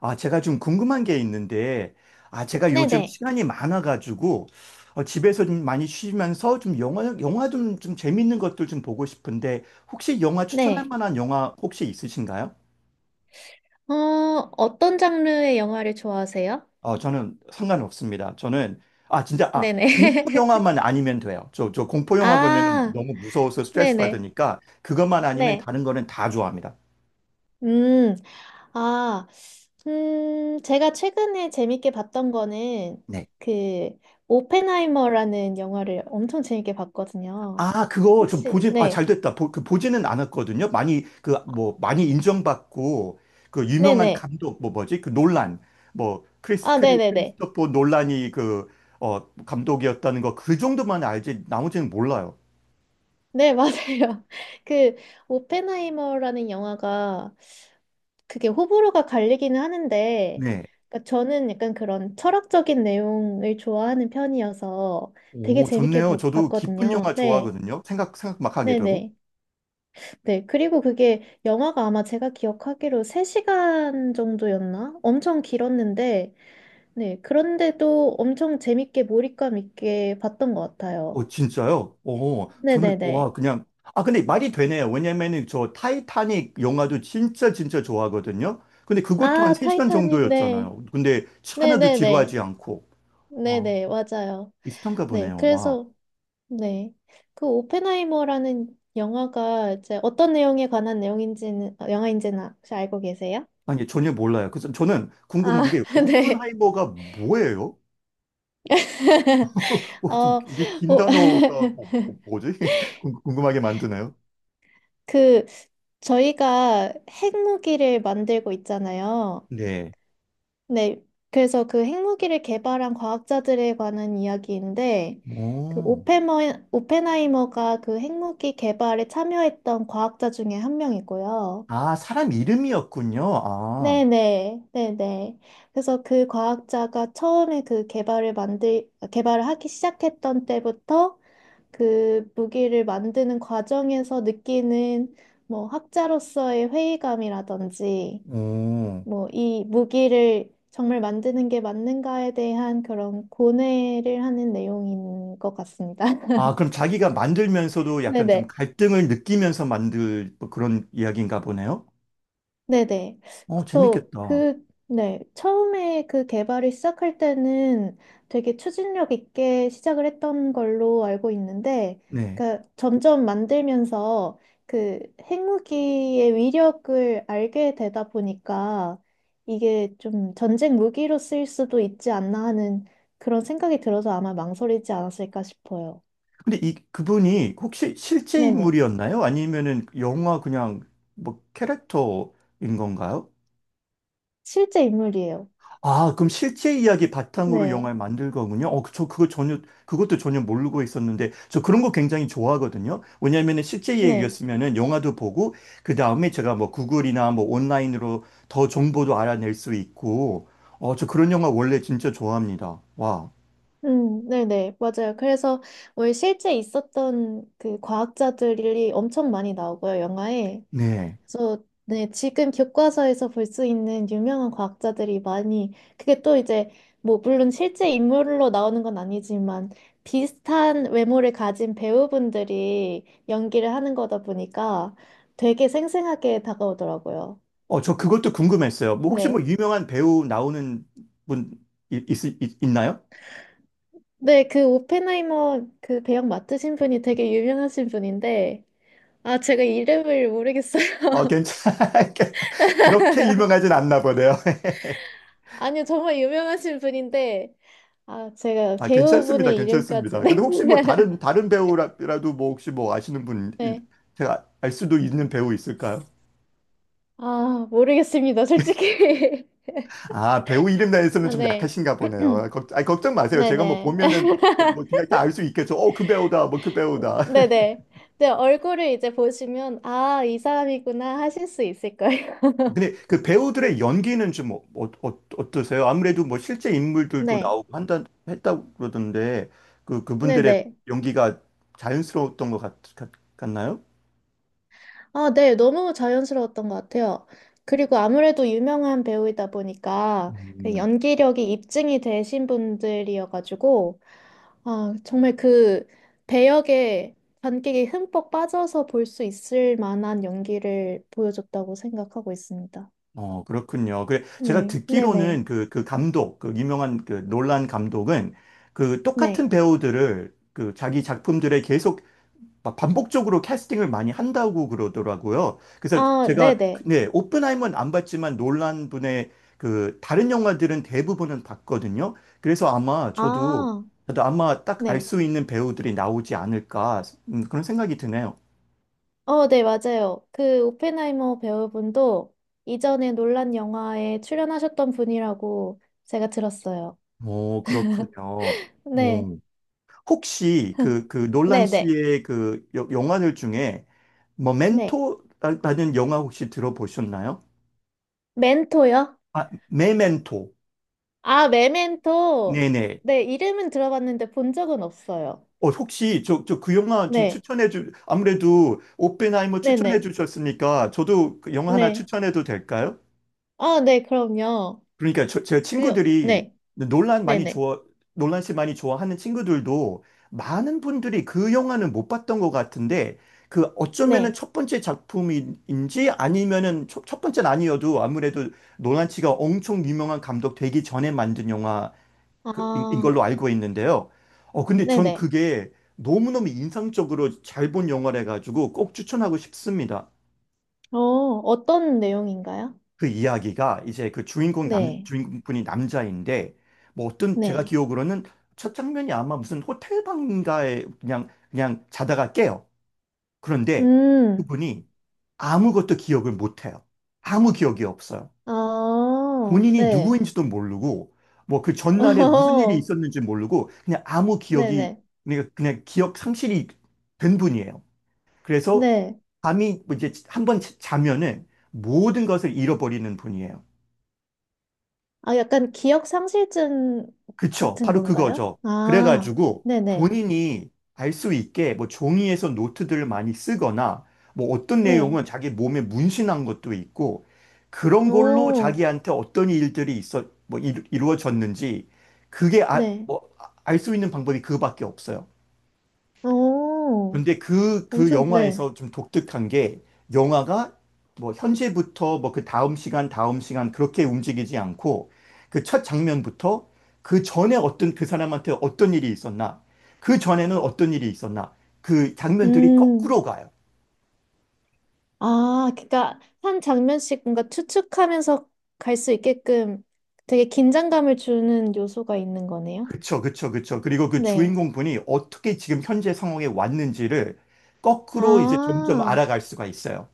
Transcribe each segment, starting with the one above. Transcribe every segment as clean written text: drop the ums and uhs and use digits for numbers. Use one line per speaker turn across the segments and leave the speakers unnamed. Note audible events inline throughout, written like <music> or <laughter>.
아, 제가 좀 궁금한 게 있는데, 아, 제가 요즘
네네.
시간이 많아가지고, 집에서 좀 많이 쉬면서 좀 영화 좀, 좀 재밌는 것들 좀 보고 싶은데, 혹시 영화 추천할
네.
만한 영화 혹시 있으신가요?
어, 어떤 장르의 영화를 좋아하세요?
저는 상관없습니다. 저는, 아, 진짜, 아,
네네.
공포
<laughs>
영화만 아니면 돼요. 저 공포 영화 보면은
아,
너무 무서워서 스트레스
네네.
받으니까, 그것만 아니면
네.
다른 거는 다 좋아합니다.
음, 아, 제가 최근에 재밌게 봤던 거는
네.
그, 오펜하이머라는 영화를 엄청 재밌게 봤거든요.
아, 그거 좀
혹시,
아,
네.
잘 됐다. 그 보지는 않았거든요. 많이, 그, 뭐, 많이 인정받고, 그 유명한
네네.
감독, 뭐, 뭐지? 그 놀란, 뭐,
아, 네네네.
크리스토퍼 놀란이 그, 감독이었다는 거, 그 정도만 알지, 나머지는 몰라요.
네, 맞아요. <laughs> 그, 오펜하이머라는 영화가 그게 호불호가 갈리기는 하는데,
네.
그러니까 저는 약간 그런 철학적인 내용을 좋아하는 편이어서 되게
오,
재밌게
좋네요. 저도 기쁜
봤거든요.
영화
네,
좋아하거든요. 생각 막 하게
네네.
되고.
네. 네, 그리고 그게 영화가 아마 제가 기억하기로 3시간 정도였나? 엄청 길었는데, 네. 그런데도 엄청 재밌게 몰입감 있게 봤던 것 같아요.
진짜요? 저는, 와,
네네네.
그냥, 아, 근데 말이 되네요. 왜냐면은 저 타이타닉 영화도 진짜 진짜 좋아하거든요. 근데 그것도 한
아,
3시간
타이타닉, 네.
정도였잖아요. 근데 하나도 지루하지
네네네.
않고. 아,
네네, 맞아요.
비슷한가
네.
보네요. 와.
그래서, 네. 그 오펜하이머라는 영화가 이제 어떤 내용에 관한 내용인지는, 어, 영화인지는 혹시 알고 계세요?
아니, 전혀 몰라요. 그래서 저는 궁금한
아,
게,
<laughs> 네.
오픈하이머가 뭐예요? <laughs> 좀,
어,
이게 긴
오, <laughs>
단어가 뭐, 지 <laughs> 궁금하게 만드네요.
그, 저희가 핵무기를 만들고 있잖아요.
네.
네. 그래서 그 핵무기를 개발한 과학자들에 관한 이야기인데, 그
오.
오펜하이머가 그 핵무기 개발에 참여했던 과학자 중에 한 명이고요.
아, 사람 이름이었군요. 아,
네네, 네네. 그래서 그 과학자가 처음에 그 개발을 하기 시작했던 때부터 그 무기를 만드는 과정에서 느끼는 뭐 학자로서의 회의감이라든지
오.
뭐 이 무기를 정말 만드는 게 맞는가에 대한 그런 고뇌를 하는 내용인 것 같습니다. <laughs>
아, 그럼 자기가 만들면서도 약간 좀
네네.
갈등을 느끼면서 만들 뭐 그런 이야기인가 보네요?
네네.
어,
그래서
재밌겠다.
그, 네. 처음에 그 개발을 시작할 때는 되게 추진력 있게 시작을 했던 걸로 알고 있는데,
네.
그러니까 점점 만들면서 그 핵무기의 위력을 알게 되다 보니까 이게 좀 전쟁 무기로 쓰일 수도 있지 않나 하는 그런 생각이 들어서 아마 망설이지 않았을까 싶어요.
근데 그분이 혹시 실제
네네.
인물이었나요? 아니면은 영화 그냥 뭐 캐릭터인 건가요?
실제 인물이에요.
아, 그럼 실제 이야기 바탕으로
네.
영화를 만들 거군요. 그것도 전혀 모르고 있었는데, 저 그런 거 굉장히 좋아하거든요. 왜냐면은 실제
네.
이야기였으면은 영화도 보고, 그 다음에 제가 뭐 구글이나 뭐 온라인으로 더 정보도 알아낼 수 있고, 저 그런 영화 원래 진짜 좋아합니다. 와,
네네, 맞아요. 그래서 왜 실제 있었던 그 과학자들이 엄청 많이 나오고요, 영화에.
네.
그래서 네, 지금 교과서에서 볼 수 있는 유명한 과학자들이 많이, 그게 또 이제, 뭐, 물론 실제 인물로 나오는 건 아니지만, 비슷한 외모를 가진 배우분들이 연기를 하는 거다 보니까 되게 생생하게 다가오더라고요.
저 그것도 궁금했어요. 뭐 혹시 뭐
네.
유명한 배우 나오는 분 있, 있, 있- 있나요?
네, 그 오펜하이머 그 배역 맡으신 분이 되게 유명하신 분인데, 아, 제가 이름을 모르겠어요. <laughs>
어, 괜찮, <laughs> 그렇게 유명하진 않나 보네요. <laughs>
아니요, 정말 유명하신 분인데, 아, 제가
아, 괜찮습니다.
배우분의 이름까지. <laughs>
괜찮습니다.
네.
근데 혹시 뭐 다른 배우라도 뭐 혹시 뭐 아시는 분,
네.
제가 알 수도 있는 배우 있을까요?
아, 모르겠습니다, 솔직히.
아, 배우 이름
<laughs>
나에서는
아,
좀
네.
약하신가 보네요. 아, 아니, 걱정
<clears throat>
마세요. 제가 뭐
네네.
보면은 뭐 그냥 다 알 수 있겠죠. 그 배우다. 뭐 그
<laughs>
배우다. <laughs>
네네. 네, 얼굴을 이제 보시면, 아, 이 사람이구나 하실 수 있을 거예요.
근데 그 배우들의 연기는 좀 어, 떠세요 아무래도 뭐 실제
<laughs>
인물들도
네.
나오고 한다, 했다고 그러던데 그, 그분들의
네네.
연기가 자연스러웠던 것 같, 같, 같나요?
아, 네. 너무 자연스러웠던 것 같아요. 그리고 아무래도 유명한 배우이다 보니까 그
음.
연기력이 입증이 되신 분들이어가지고, 아, 정말 그 배역에 관객이 흠뻑 빠져서 볼 수 있을 만한 연기를 보여줬다고 생각하고 있습니다.
그렇군요. 그 제가
네, 네네, 네.
듣기로는 그, 감독, 그 유명한 그 놀란 감독은 그 똑같은
네.
배우들을 그 자기 작품들에 계속 막 반복적으로 캐스팅을 많이 한다고 그러더라고요. 그래서
아,
제가,
네네.
네, 오펜하이머는 안 봤지만 놀란 분의 그 다른 영화들은 대부분은 봤거든요. 그래서 아마 저도,
아,
아마 딱 알
네.
수 있는 배우들이 나오지 않을까, 그런 생각이 드네요.
어, 네, 맞아요. 그 오펜하이머 배우분도 이전에 논란 영화에 출연하셨던 분이라고 제가 들었어요.
오, 그렇군요.
네,
어, 혹시 그, 놀란
네네, 네.
씨의 그 영화들 중에
네.
모멘토라는 영화 혹시 들어보셨나요?
멘토요?
아, 메멘토.
아, 메멘토.
네네.
네, 이름은 들어봤는데 본 적은 없어요.
혹시 저 그 영화 좀
네,
아무래도 오펜하이머 추천해
네네.
주셨으니까 저도 그 영화 하나
네.
추천해도 될까요?
아, 네, 그럼요.
그러니까 제
그,
친구들이
네,
논란 많이
네네.
좋아, 논란 씨 많이 좋아하는 친구들도 많은 분들이 그 영화는 못 봤던 것 같은데 그 어쩌면은
네.
첫 번째 작품인지 아니면은 첫 번째는 아니어도 아무래도 논란 씨가 엄청 유명한 감독 되기 전에 만든 영화 인
아,
걸로 알고 있는데요. 근데 전
네네.
그게 너무너무 인상적으로 잘 본 영화라 가지고 꼭 추천하고 싶습니다.
어, 어떤 내용인가요?
그 이야기가 이제 그
네,
주인공분이 남자인데, 뭐 어떤 제가
네.
기억으로는 첫 장면이 아마 무슨 호텔 방인가에 그냥 자다가 깨요. 그런데
음,
그분이 아무것도 기억을 못해요. 아무 기억이 없어요.
아,
본인이
네.
누구인지도 모르고, 뭐 그
<laughs>
전날에 무슨 일이
어,
있었는지 모르고,
네네.
그냥 기억 상실이 된 분이에요. 그래서
네.
밤이 뭐 이제 한 번 자면은 모든 것을 잃어버리는 분이에요.
아, 약간 기억 상실증
그쵸.
같은
바로
건가요?
그거죠.
아,
그래가지고
네네.
본인이 알 수 있게 뭐 종이에서 노트들을 많이 쓰거나 뭐 어떤 내용은
네.
자기 몸에 문신한 것도 있고 그런 걸로
오,
자기한테 어떤 일들이 있어, 뭐 이루, 어졌는지 그게 아,
네.
뭐, 알 수 있는 방법이 그거밖에 없어요.
오,
근데 그,
엄청, 네.
영화에서 좀 독특한 게 영화가 뭐 현재부터 뭐 그 다음 시간 그렇게 움직이지 않고 그 첫 장면부터 그 전에 어떤 그 사람한테 어떤 일이 있었나, 그 전에는 어떤 일이 있었나, 그 장면들이
음.
거꾸로 가요.
아, 그러니까 한 장면씩 뭔가 추측하면서 갈 수 있게끔 되게 긴장감을 주는 요소가 있는 거네요.
그쵸, 그쵸, 그쵸. 그리고 그
네.
주인공 분이 어떻게 지금 현재 상황에 왔는지를 거꾸로 이제 점점
아,
알아갈 수가 있어요.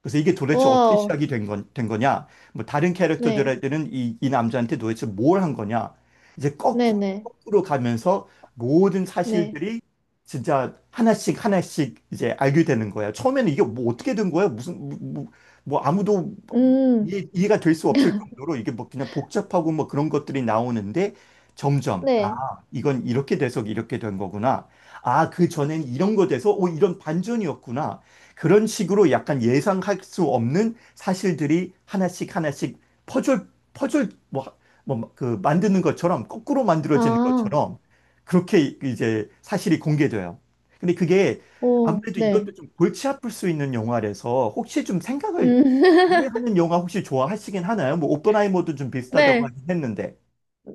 그래서 이게 도대체 어떻게
와우.
시작이 된 거냐? 뭐 다른
네.
캐릭터들한테는 이 남자한테 도대체 뭘 한 거냐? 이제 거꾸로,
네네.
거꾸로 가면서 모든
네. 네.
사실들이 진짜 하나씩 하나씩 이제 알게 되는 거야. 처음에는 이게 뭐 어떻게 된 거야? 무슨 뭐 아무도
음,
이해가 될 수 없을 정도로 이게 뭐 그냥 복잡하고 뭐 그런 것들이 나오는데 점점 아
네.
이건 이렇게 돼서 이렇게 된 거구나. 아 그 전엔 이런 거 돼서 오 이런 반전이었구나. 그런 식으로 약간 예상할 수 없는 사실들이 하나씩 하나씩 퍼즐, 퍼즐 만드는 것처럼, 거꾸로 만들어지는
아,
것처럼, 그렇게 이제 사실이 공개돼요. 근데 그게
오,
아무래도
네.
이것도 좀 골치 아플 수 있는 영화라서, 혹시 좀 생각을
음.
많이
<laughs>
하는 영화 혹시 좋아하시긴 하나요? 뭐, 오펜하이머도 좀 비슷하다고
네.
하긴 했는데.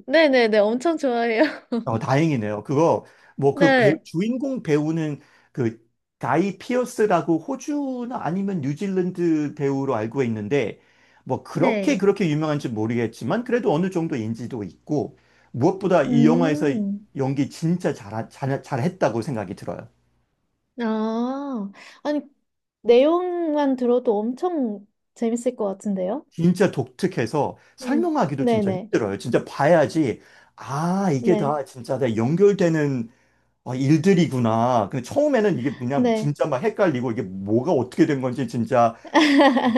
네네네. 엄청 좋아해요. <laughs>
다행이네요. 그거, 뭐,
네.
주인공 배우는 그, 가이 피어스라고 호주나 아니면 뉴질랜드 배우로 알고 있는데, 뭐, 그렇게
네.
그렇게 유명한지 모르겠지만, 그래도 어느 정도 인지도 있고, 무엇보다 이 영화에서
음.
연기 진짜 잘, 잘, 잘했다고 생각이 들어요.
아, 아니, 내용만 들어도 엄청 재밌을 것 같은데요?
진짜 독특해서 설명하기도 진짜
네네.
힘들어요. 진짜 봐야지, 아, 이게
네,
다 진짜 다 연결되는 아, 일들이구나. 근데 처음에는 이게 그냥
네,
진짜 막 헷갈리고 이게 뭐가 어떻게 된 건지 진짜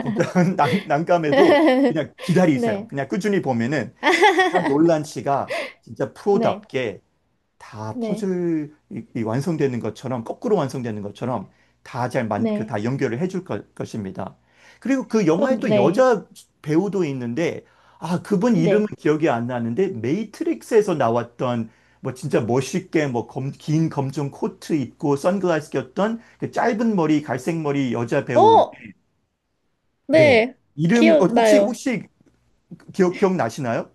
진짜 <laughs> 난감해도 그냥 기다리세요.
네,
그냥 꾸준히 보면은 아,
<laughs>
놀란 씨가 진짜
네,
프로답게 다
네,
퍼즐이 이 완성되는 것처럼 거꾸로 완성되는 것처럼 다
네,
잘만그다 연결을 해줄 것입니다. 그리고 그
그럼
영화에 또
네,
여자 배우도 있는데 아 그분 이름은
네.
기억이 안 나는데 메이트릭스에서 나왔던 뭐 진짜 멋있게 뭐 긴 검정 코트 입고 선글라스 꼈던 그 짧은 머리 갈색 머리 여자 배우
어,
네
네,
이름 혹시
기억나요.
혹시 기억나시나요?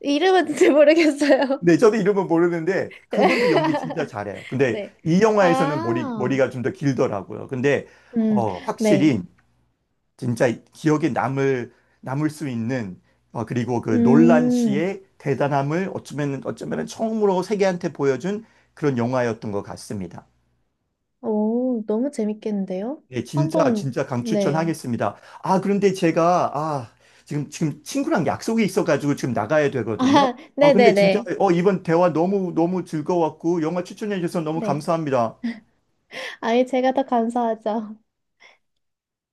이름은 잘 모르겠어요.
네, 저도 이름은 모르는데 그분도 연기 진짜
<laughs>
잘해요. 근데
네.
이 영화에서는 머리,
아,
머리가 좀 더 길더라고요. 근데
음, 네,
확실히 진짜 기억에 남을 수 있는 그리고 그 놀란
음,
씨의 대단함을 어쩌면 어쩌면 처음으로 세계한테 보여준 그런 영화였던 것 같습니다.
오, 너무 재밌겠는데요?
네, 진짜,
한번,
진짜
네.
강추천하겠습니다. 아, 그런데 아, 지금 친구랑 약속이 있어가지고 지금 나가야
<laughs>
되거든요.
아,
근데 진짜,
네네네.
이번 대화 너무, 너무 즐거웠고, 영화 추천해주셔서 너무
네.
감사합니다.
아예 제가 더 감사하죠.